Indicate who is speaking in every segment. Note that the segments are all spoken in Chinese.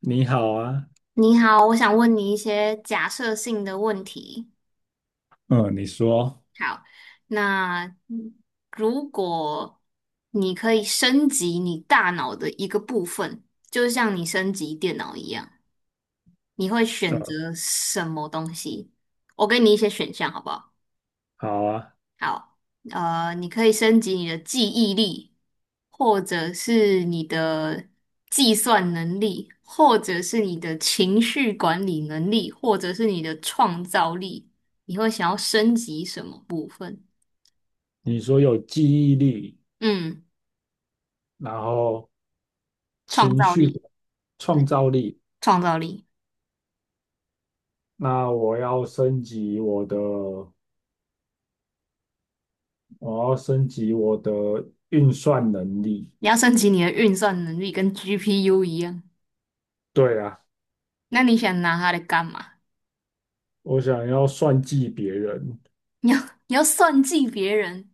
Speaker 1: 你好啊。
Speaker 2: 你好，我想问你一些假设性的问题。
Speaker 1: 嗯，你说。
Speaker 2: 好，那如果你可以升级你大脑的一个部分，就像你升级电脑一样，你会选
Speaker 1: 嗯，
Speaker 2: 择什么东西？我给你一些选项，好不好？
Speaker 1: 好啊。
Speaker 2: 好，你可以升级你的记忆力，或者是你的计算能力，或者是你的情绪管理能力，或者是你的创造力。你会想要升级什么部分？
Speaker 1: 你说有记忆力，
Speaker 2: 嗯，
Speaker 1: 然后
Speaker 2: 创
Speaker 1: 情
Speaker 2: 造
Speaker 1: 绪、
Speaker 2: 力，
Speaker 1: 创
Speaker 2: 嗯，
Speaker 1: 造力，
Speaker 2: 创造力。
Speaker 1: 那我要升级我的运算能力。
Speaker 2: 你要升级你的运算能力，跟 GPU 一样。
Speaker 1: 对啊，
Speaker 2: 那你想拿它来干嘛？
Speaker 1: 我想要算计别人。
Speaker 2: 你要你要算计别人，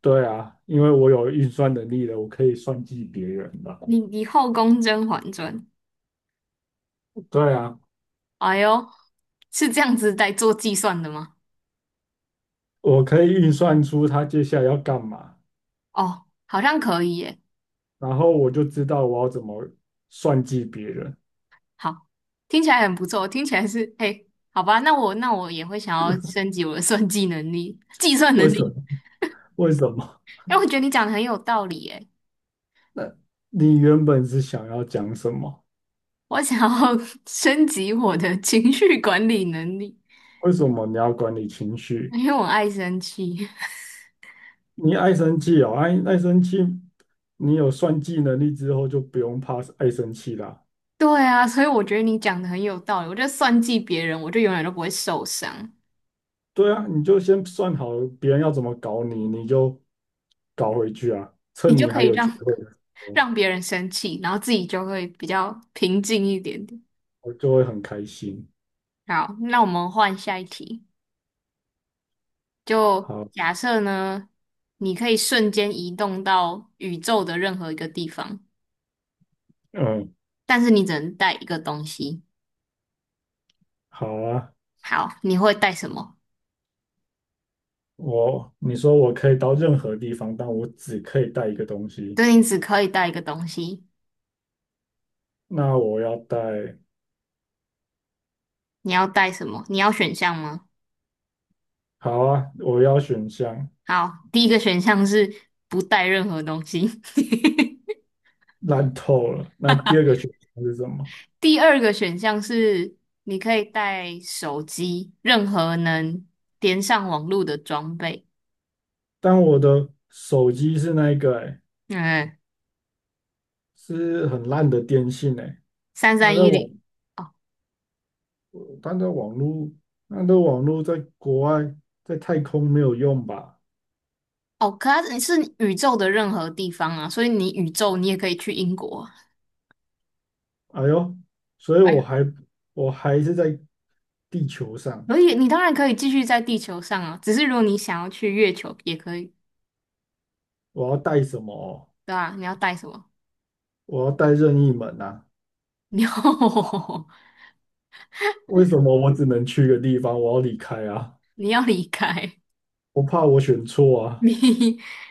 Speaker 1: 对啊，因为我有运算能力了，我可以算计别人了。
Speaker 2: 你你后宫甄嬛传。
Speaker 1: 对啊，
Speaker 2: 哎呦，是这样子在做计算的吗？
Speaker 1: 我可以运算出他接下来要干嘛，
Speaker 2: 哦，好像可以耶。
Speaker 1: 然后我就知道我要怎么算计别人。
Speaker 2: 好，听起来很不错，听起来是，哎，好吧，那我也会想要升级我的算计能力、计算能
Speaker 1: 为什么？
Speaker 2: 力，
Speaker 1: 为什么？
Speaker 2: 因为我觉得你讲的很有道理耶。
Speaker 1: 那你原本是想要讲什么？
Speaker 2: 我想要 升级我的情绪管理能力，
Speaker 1: 为什么你要管理情绪？
Speaker 2: 因为我爱生气。
Speaker 1: 你爱生气哦，爱生气，你有算计能力之后就不用怕爱生气啦。
Speaker 2: 对啊，所以我觉得你讲的很有道理。我就算计别人，我就永远都不会受伤，
Speaker 1: 对啊，你就先算好别人要怎么搞你，你就搞回去啊。
Speaker 2: 你
Speaker 1: 趁
Speaker 2: 就
Speaker 1: 你
Speaker 2: 可
Speaker 1: 还
Speaker 2: 以
Speaker 1: 有机
Speaker 2: 让
Speaker 1: 会的时候，
Speaker 2: 让别人生气，然后自己就会比较平静一点点。
Speaker 1: 我就会很开心。
Speaker 2: 好，那我们换下一题。就
Speaker 1: 好。
Speaker 2: 假设呢，你可以瞬间移动到宇宙的任何一个地方，
Speaker 1: 嗯，
Speaker 2: 但是你只能带一个东西。
Speaker 1: 好啊。
Speaker 2: 好，你会带什么？
Speaker 1: 你说我可以到任何地方，但我只可以带一个东西。
Speaker 2: 对，你只可以带一个东西。
Speaker 1: 那我要带，
Speaker 2: 你要带什么？你要选项吗？
Speaker 1: 好啊，我要选项。
Speaker 2: 好，第一个选项是不带任何东西。
Speaker 1: 烂透了。那第二个选项是什么？
Speaker 2: 第二个选项是你可以带手机，任何能连上网络的装备。
Speaker 1: 但我的手机是那一个，欸，
Speaker 2: 嗯，
Speaker 1: 是很烂的电信，欸，哎，
Speaker 2: 三
Speaker 1: 它
Speaker 2: 三
Speaker 1: 在
Speaker 2: 一
Speaker 1: 网，
Speaker 2: 零。
Speaker 1: 它在网络，它的网络在国外，在太空没有用吧？
Speaker 2: 哦，可它是宇宙的任何地方啊，所以你宇宙你也可以去英国啊。
Speaker 1: 哎呦，所以
Speaker 2: 哎呀，
Speaker 1: 我还是在地球上，
Speaker 2: 可以，你当然可以继续在地球上啊，只是如果你想要去月球也可以，
Speaker 1: 我要带什么哦，
Speaker 2: 对吧？你要带什么？
Speaker 1: 我要带任意门啊？
Speaker 2: 你要
Speaker 1: 为什么我只能去一个地方？我要离开啊！
Speaker 2: 你要离开，
Speaker 1: 我怕我选错啊！
Speaker 2: 你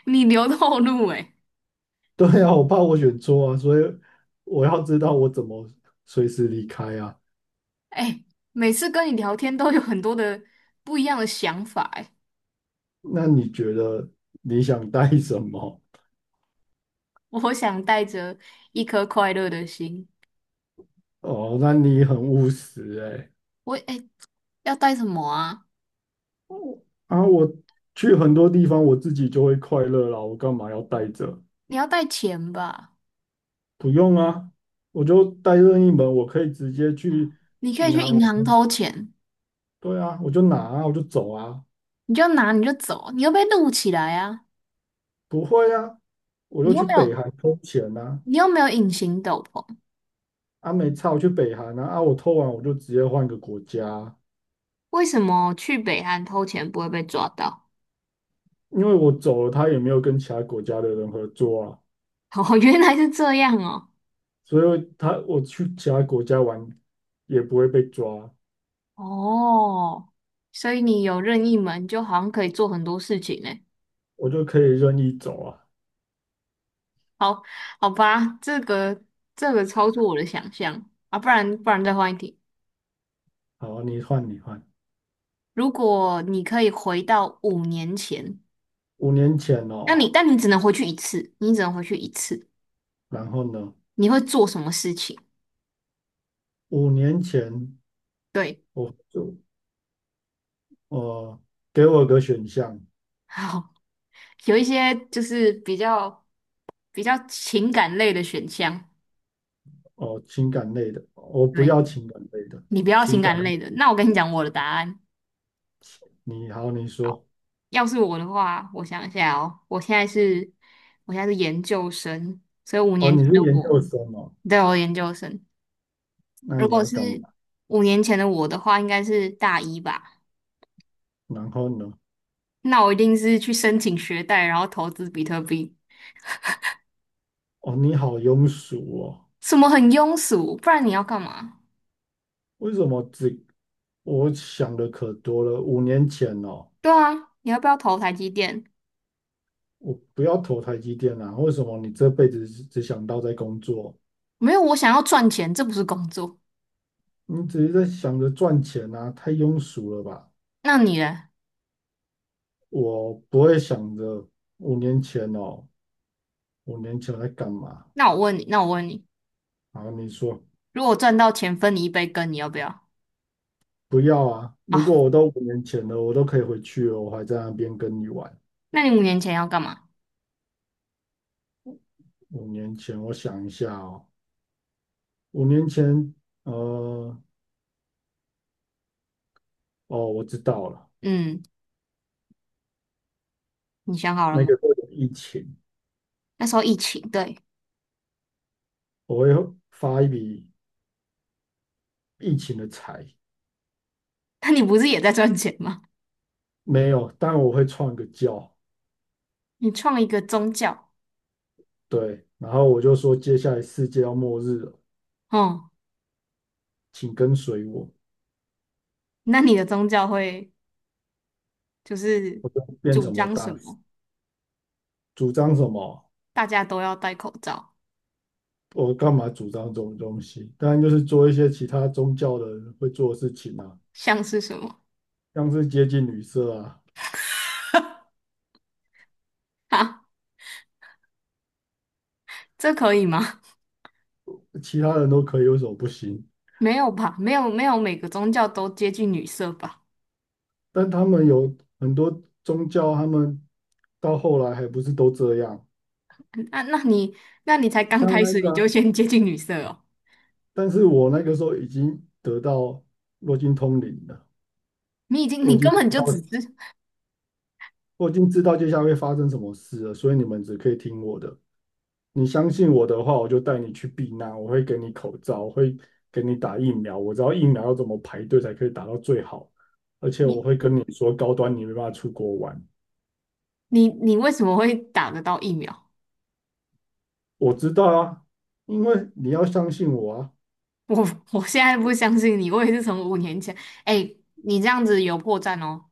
Speaker 2: 你留后路哎
Speaker 1: 对呀，我怕我选错啊，所以我要知道我怎么随时离开啊。
Speaker 2: 哎、每次跟你聊天都有很多的不一样的想法哎、
Speaker 1: 那你觉得你想带什么？
Speaker 2: 我想带着一颗快乐的心，
Speaker 1: 哦，那你很务实哎。
Speaker 2: 我哎、要带什么啊？
Speaker 1: 啊，我去很多地方我自己就会快乐啦，我干嘛要带着？
Speaker 2: 你要带钱吧？
Speaker 1: 不用啊，我就带任意门，我可以直接去
Speaker 2: 你可以
Speaker 1: 银
Speaker 2: 去
Speaker 1: 行。
Speaker 2: 银行偷钱。
Speaker 1: 对啊，我就拿啊，我就走啊。
Speaker 2: 你就拿你就走，你又被录起来啊！
Speaker 1: 不会啊，我
Speaker 2: 你
Speaker 1: 就
Speaker 2: 又
Speaker 1: 去
Speaker 2: 没有
Speaker 1: 北韩偷钱啊。
Speaker 2: 你又没有隐形斗篷，
Speaker 1: 啊，没差，我去北韩啊。啊，我偷完我就直接换个国家。
Speaker 2: 为什么去北韩偷钱不会被抓到？
Speaker 1: 因为我走了，他也没有跟其他国家的人合作啊，
Speaker 2: 哦，原来是这样哦。
Speaker 1: 所以他我去其他国家玩也不会被抓，
Speaker 2: 哦，所以你有任意门，就好像可以做很多事情呢。
Speaker 1: 我就可以任意走啊。
Speaker 2: 好，好吧，这个超出我的想象啊！不然再换一题。
Speaker 1: 好，你换，你换。
Speaker 2: 如果你可以回到五年前，
Speaker 1: 五年前
Speaker 2: 那
Speaker 1: 哦，
Speaker 2: 你但你只能回去一次，你只能回去一次，
Speaker 1: 然后呢？
Speaker 2: 你会做什么事情？
Speaker 1: 五年前
Speaker 2: 对，
Speaker 1: 我就，呃，给我个选项。
Speaker 2: 好，有一些就是比较情感类的选项，
Speaker 1: 哦，情感类的，我不
Speaker 2: 对，
Speaker 1: 要情感类的。
Speaker 2: 你不要情
Speaker 1: 情感
Speaker 2: 感
Speaker 1: 类
Speaker 2: 类的。那我跟你
Speaker 1: 的，
Speaker 2: 讲我的答案，
Speaker 1: 你好，你说。
Speaker 2: 要是我的话，我想一下哦，我现在是研究生，所以五
Speaker 1: 哦，
Speaker 2: 年
Speaker 1: 你
Speaker 2: 前的
Speaker 1: 是研究
Speaker 2: 我，
Speaker 1: 生哦，
Speaker 2: 对，我研究生。
Speaker 1: 那
Speaker 2: 如
Speaker 1: 你
Speaker 2: 果
Speaker 1: 要干嘛？
Speaker 2: 是五年前的我的话，应该是大一吧。
Speaker 1: 然后呢？
Speaker 2: 那我一定是去申请学贷，然后投资比特币，
Speaker 1: 哦，你好庸俗哦。
Speaker 2: 什么很庸俗，不然你要干嘛？
Speaker 1: 为什么我想的可多了？五年前哦，
Speaker 2: 对啊，你要不要投台积电？
Speaker 1: 我不要投台积电啊！为什么你这辈子只想到在工作？
Speaker 2: 没有，我想要赚钱，这不是工作。
Speaker 1: 你只是在想着赚钱啊，太庸俗了吧？
Speaker 2: 那你呢？
Speaker 1: 我不会想着五年前哦，五年前我在干嘛？
Speaker 2: 那我问你，
Speaker 1: 然后你说
Speaker 2: 如果赚到钱分你一杯羹，你要不要
Speaker 1: 不要啊！如
Speaker 2: 啊？
Speaker 1: 果我都五年前了，我都可以回去了，我还在那边跟你玩。
Speaker 2: 那你五年前要干嘛？
Speaker 1: 五年前，我想一下哦，五年前，呃，哦，我知道了，
Speaker 2: 嗯，你想好了
Speaker 1: 那个
Speaker 2: 吗？
Speaker 1: 时候有疫情。
Speaker 2: 那时候疫情，对，
Speaker 1: 我会发一笔疫情的财，
Speaker 2: 那你不是也在赚钱吗？
Speaker 1: 没有，但我会创一个教，
Speaker 2: 你创一个宗教，
Speaker 1: 对，然后我就说接下来世界要末日了，
Speaker 2: 哦、
Speaker 1: 请跟随我，
Speaker 2: 那你的宗教会就是
Speaker 1: 我就变
Speaker 2: 主
Speaker 1: 什么
Speaker 2: 张什
Speaker 1: 大使，
Speaker 2: 么？
Speaker 1: 主张什么，
Speaker 2: 大家都要戴口罩，
Speaker 1: 我干嘛主张这种东西？当然就是做一些其他宗教的人会做的事情啊，
Speaker 2: 像是什么
Speaker 1: 像是接近女色啊，
Speaker 2: 啊？这可以吗？
Speaker 1: 其他人都可以，为什么不行？
Speaker 2: 没有吧？没有没有，每个宗教都接近女色吧？
Speaker 1: 但他们有很多宗教，他们到后来还不是都这样，
Speaker 2: 那那你那你才刚
Speaker 1: 像
Speaker 2: 开
Speaker 1: 那
Speaker 2: 始，
Speaker 1: 个
Speaker 2: 你就
Speaker 1: 啊，
Speaker 2: 先接近女色哦。
Speaker 1: 但是我那个时候已经得到，我已经通灵了，
Speaker 2: 你已经，
Speaker 1: 我
Speaker 2: 你
Speaker 1: 已经
Speaker 2: 根
Speaker 1: 知
Speaker 2: 本就
Speaker 1: 道
Speaker 2: 只是。
Speaker 1: 我已经知道接下来会发生什么事了，所以你们只可以听我的。你相信我的话，我就带你去避难，我会给你口罩，我会给你打疫苗，我知道疫苗要怎么排队才可以打到最好，而且
Speaker 2: 你
Speaker 1: 我会跟你说高端你没办法出国玩，
Speaker 2: 你为什么会打得到疫苗？
Speaker 1: 我知道啊，因为你要相信我啊，
Speaker 2: 我我现在不相信你，我也是从五年前，哎，你这样子有破绽哦。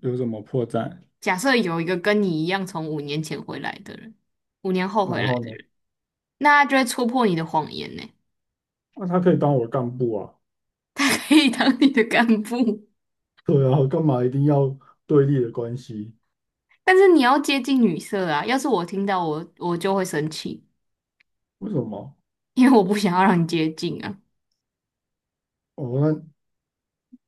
Speaker 1: 有什么破绽？
Speaker 2: 假设有一个跟你一样从五年前回来的人，五年后回
Speaker 1: 然
Speaker 2: 来
Speaker 1: 后
Speaker 2: 的
Speaker 1: 呢？
Speaker 2: 人，那他就会戳破你的谎言呢，
Speaker 1: 那，他可以当我干部啊，
Speaker 2: 他可以当你的干部，
Speaker 1: 对啊，干嘛一定要对立的关系？
Speaker 2: 但是你要接近女色啊。要是我听到我就会生气，
Speaker 1: 为什么？
Speaker 2: 因为我不想要让你接近啊。
Speaker 1: 哦，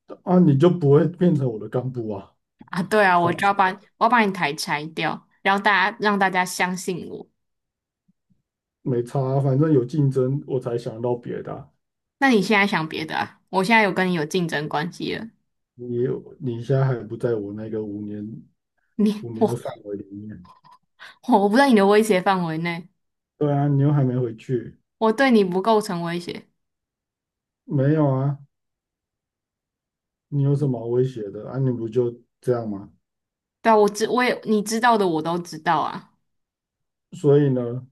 Speaker 1: 那啊，你就不会变成我的干部啊？
Speaker 2: 啊，对啊，
Speaker 1: 是，
Speaker 2: 我要把你台拆掉，然后大家让大家相信我。
Speaker 1: 没差啊，反正有竞争，我才想到别的啊。
Speaker 2: 那你现在想别的啊？我现在有跟你有竞争关系了，
Speaker 1: 你你现在还不在我那个五年
Speaker 2: 你
Speaker 1: 五年的
Speaker 2: 我
Speaker 1: 范围里面。
Speaker 2: 我不在你的威胁范围内，
Speaker 1: 对啊，你又还没回去。
Speaker 2: 我对你不构成威胁。
Speaker 1: 没有啊，你有什么好威胁的啊？你不就这样吗？
Speaker 2: 对啊，我知我也你知道的我都知道啊，
Speaker 1: 所以呢，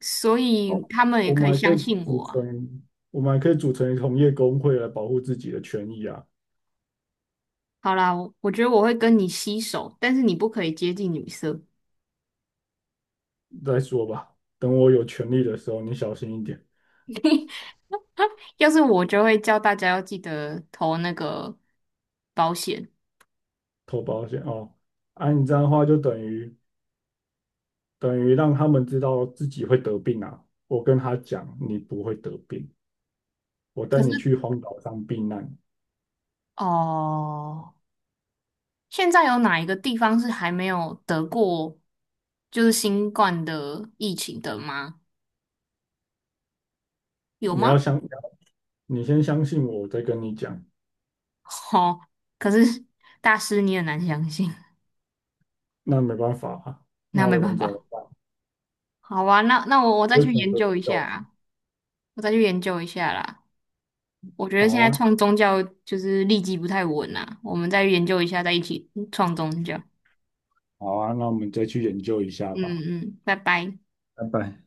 Speaker 2: 所
Speaker 1: 哦，
Speaker 2: 以他们也
Speaker 1: 我
Speaker 2: 可
Speaker 1: 们
Speaker 2: 以
Speaker 1: 还可
Speaker 2: 相
Speaker 1: 以
Speaker 2: 信
Speaker 1: 组
Speaker 2: 我啊。
Speaker 1: 成，我们还可以组成同业工会来保护自己的权益啊。
Speaker 2: 好啦，我觉得我会跟你携手，但是你不可以接近女色。
Speaker 1: 再说吧，等我有权利的时候，你小心一点。
Speaker 2: 要是我就会叫大家要记得投那个保险。
Speaker 1: 投保险哦，按你这样的话就等于让他们知道自己会得病啊。我跟他讲，你不会得病，我带
Speaker 2: 可
Speaker 1: 你
Speaker 2: 是
Speaker 1: 去荒岛上避难，
Speaker 2: 哦。现在有哪一个地方是还没有得过就是新冠的疫情的吗？有
Speaker 1: 你
Speaker 2: 吗？
Speaker 1: 要相，你先相信我，我再跟你讲。
Speaker 2: 哦，可是大师你很难相信，
Speaker 1: 那没办法啊，
Speaker 2: 那
Speaker 1: 那
Speaker 2: 没
Speaker 1: 我
Speaker 2: 办
Speaker 1: 能怎么
Speaker 2: 法。
Speaker 1: 办？
Speaker 2: 好啊，那我再
Speaker 1: 我会
Speaker 2: 去
Speaker 1: 从
Speaker 2: 研究一
Speaker 1: 不
Speaker 2: 下
Speaker 1: 到
Speaker 2: 啊，我再去研究一下啦。我觉得
Speaker 1: 好
Speaker 2: 现在
Speaker 1: 啊，
Speaker 2: 创宗教就是立基不太稳啊，我们再研究一下，再一起创宗教。
Speaker 1: 好啊，那我们再去研究一下
Speaker 2: 嗯
Speaker 1: 吧。
Speaker 2: 嗯，拜拜。
Speaker 1: 拜拜。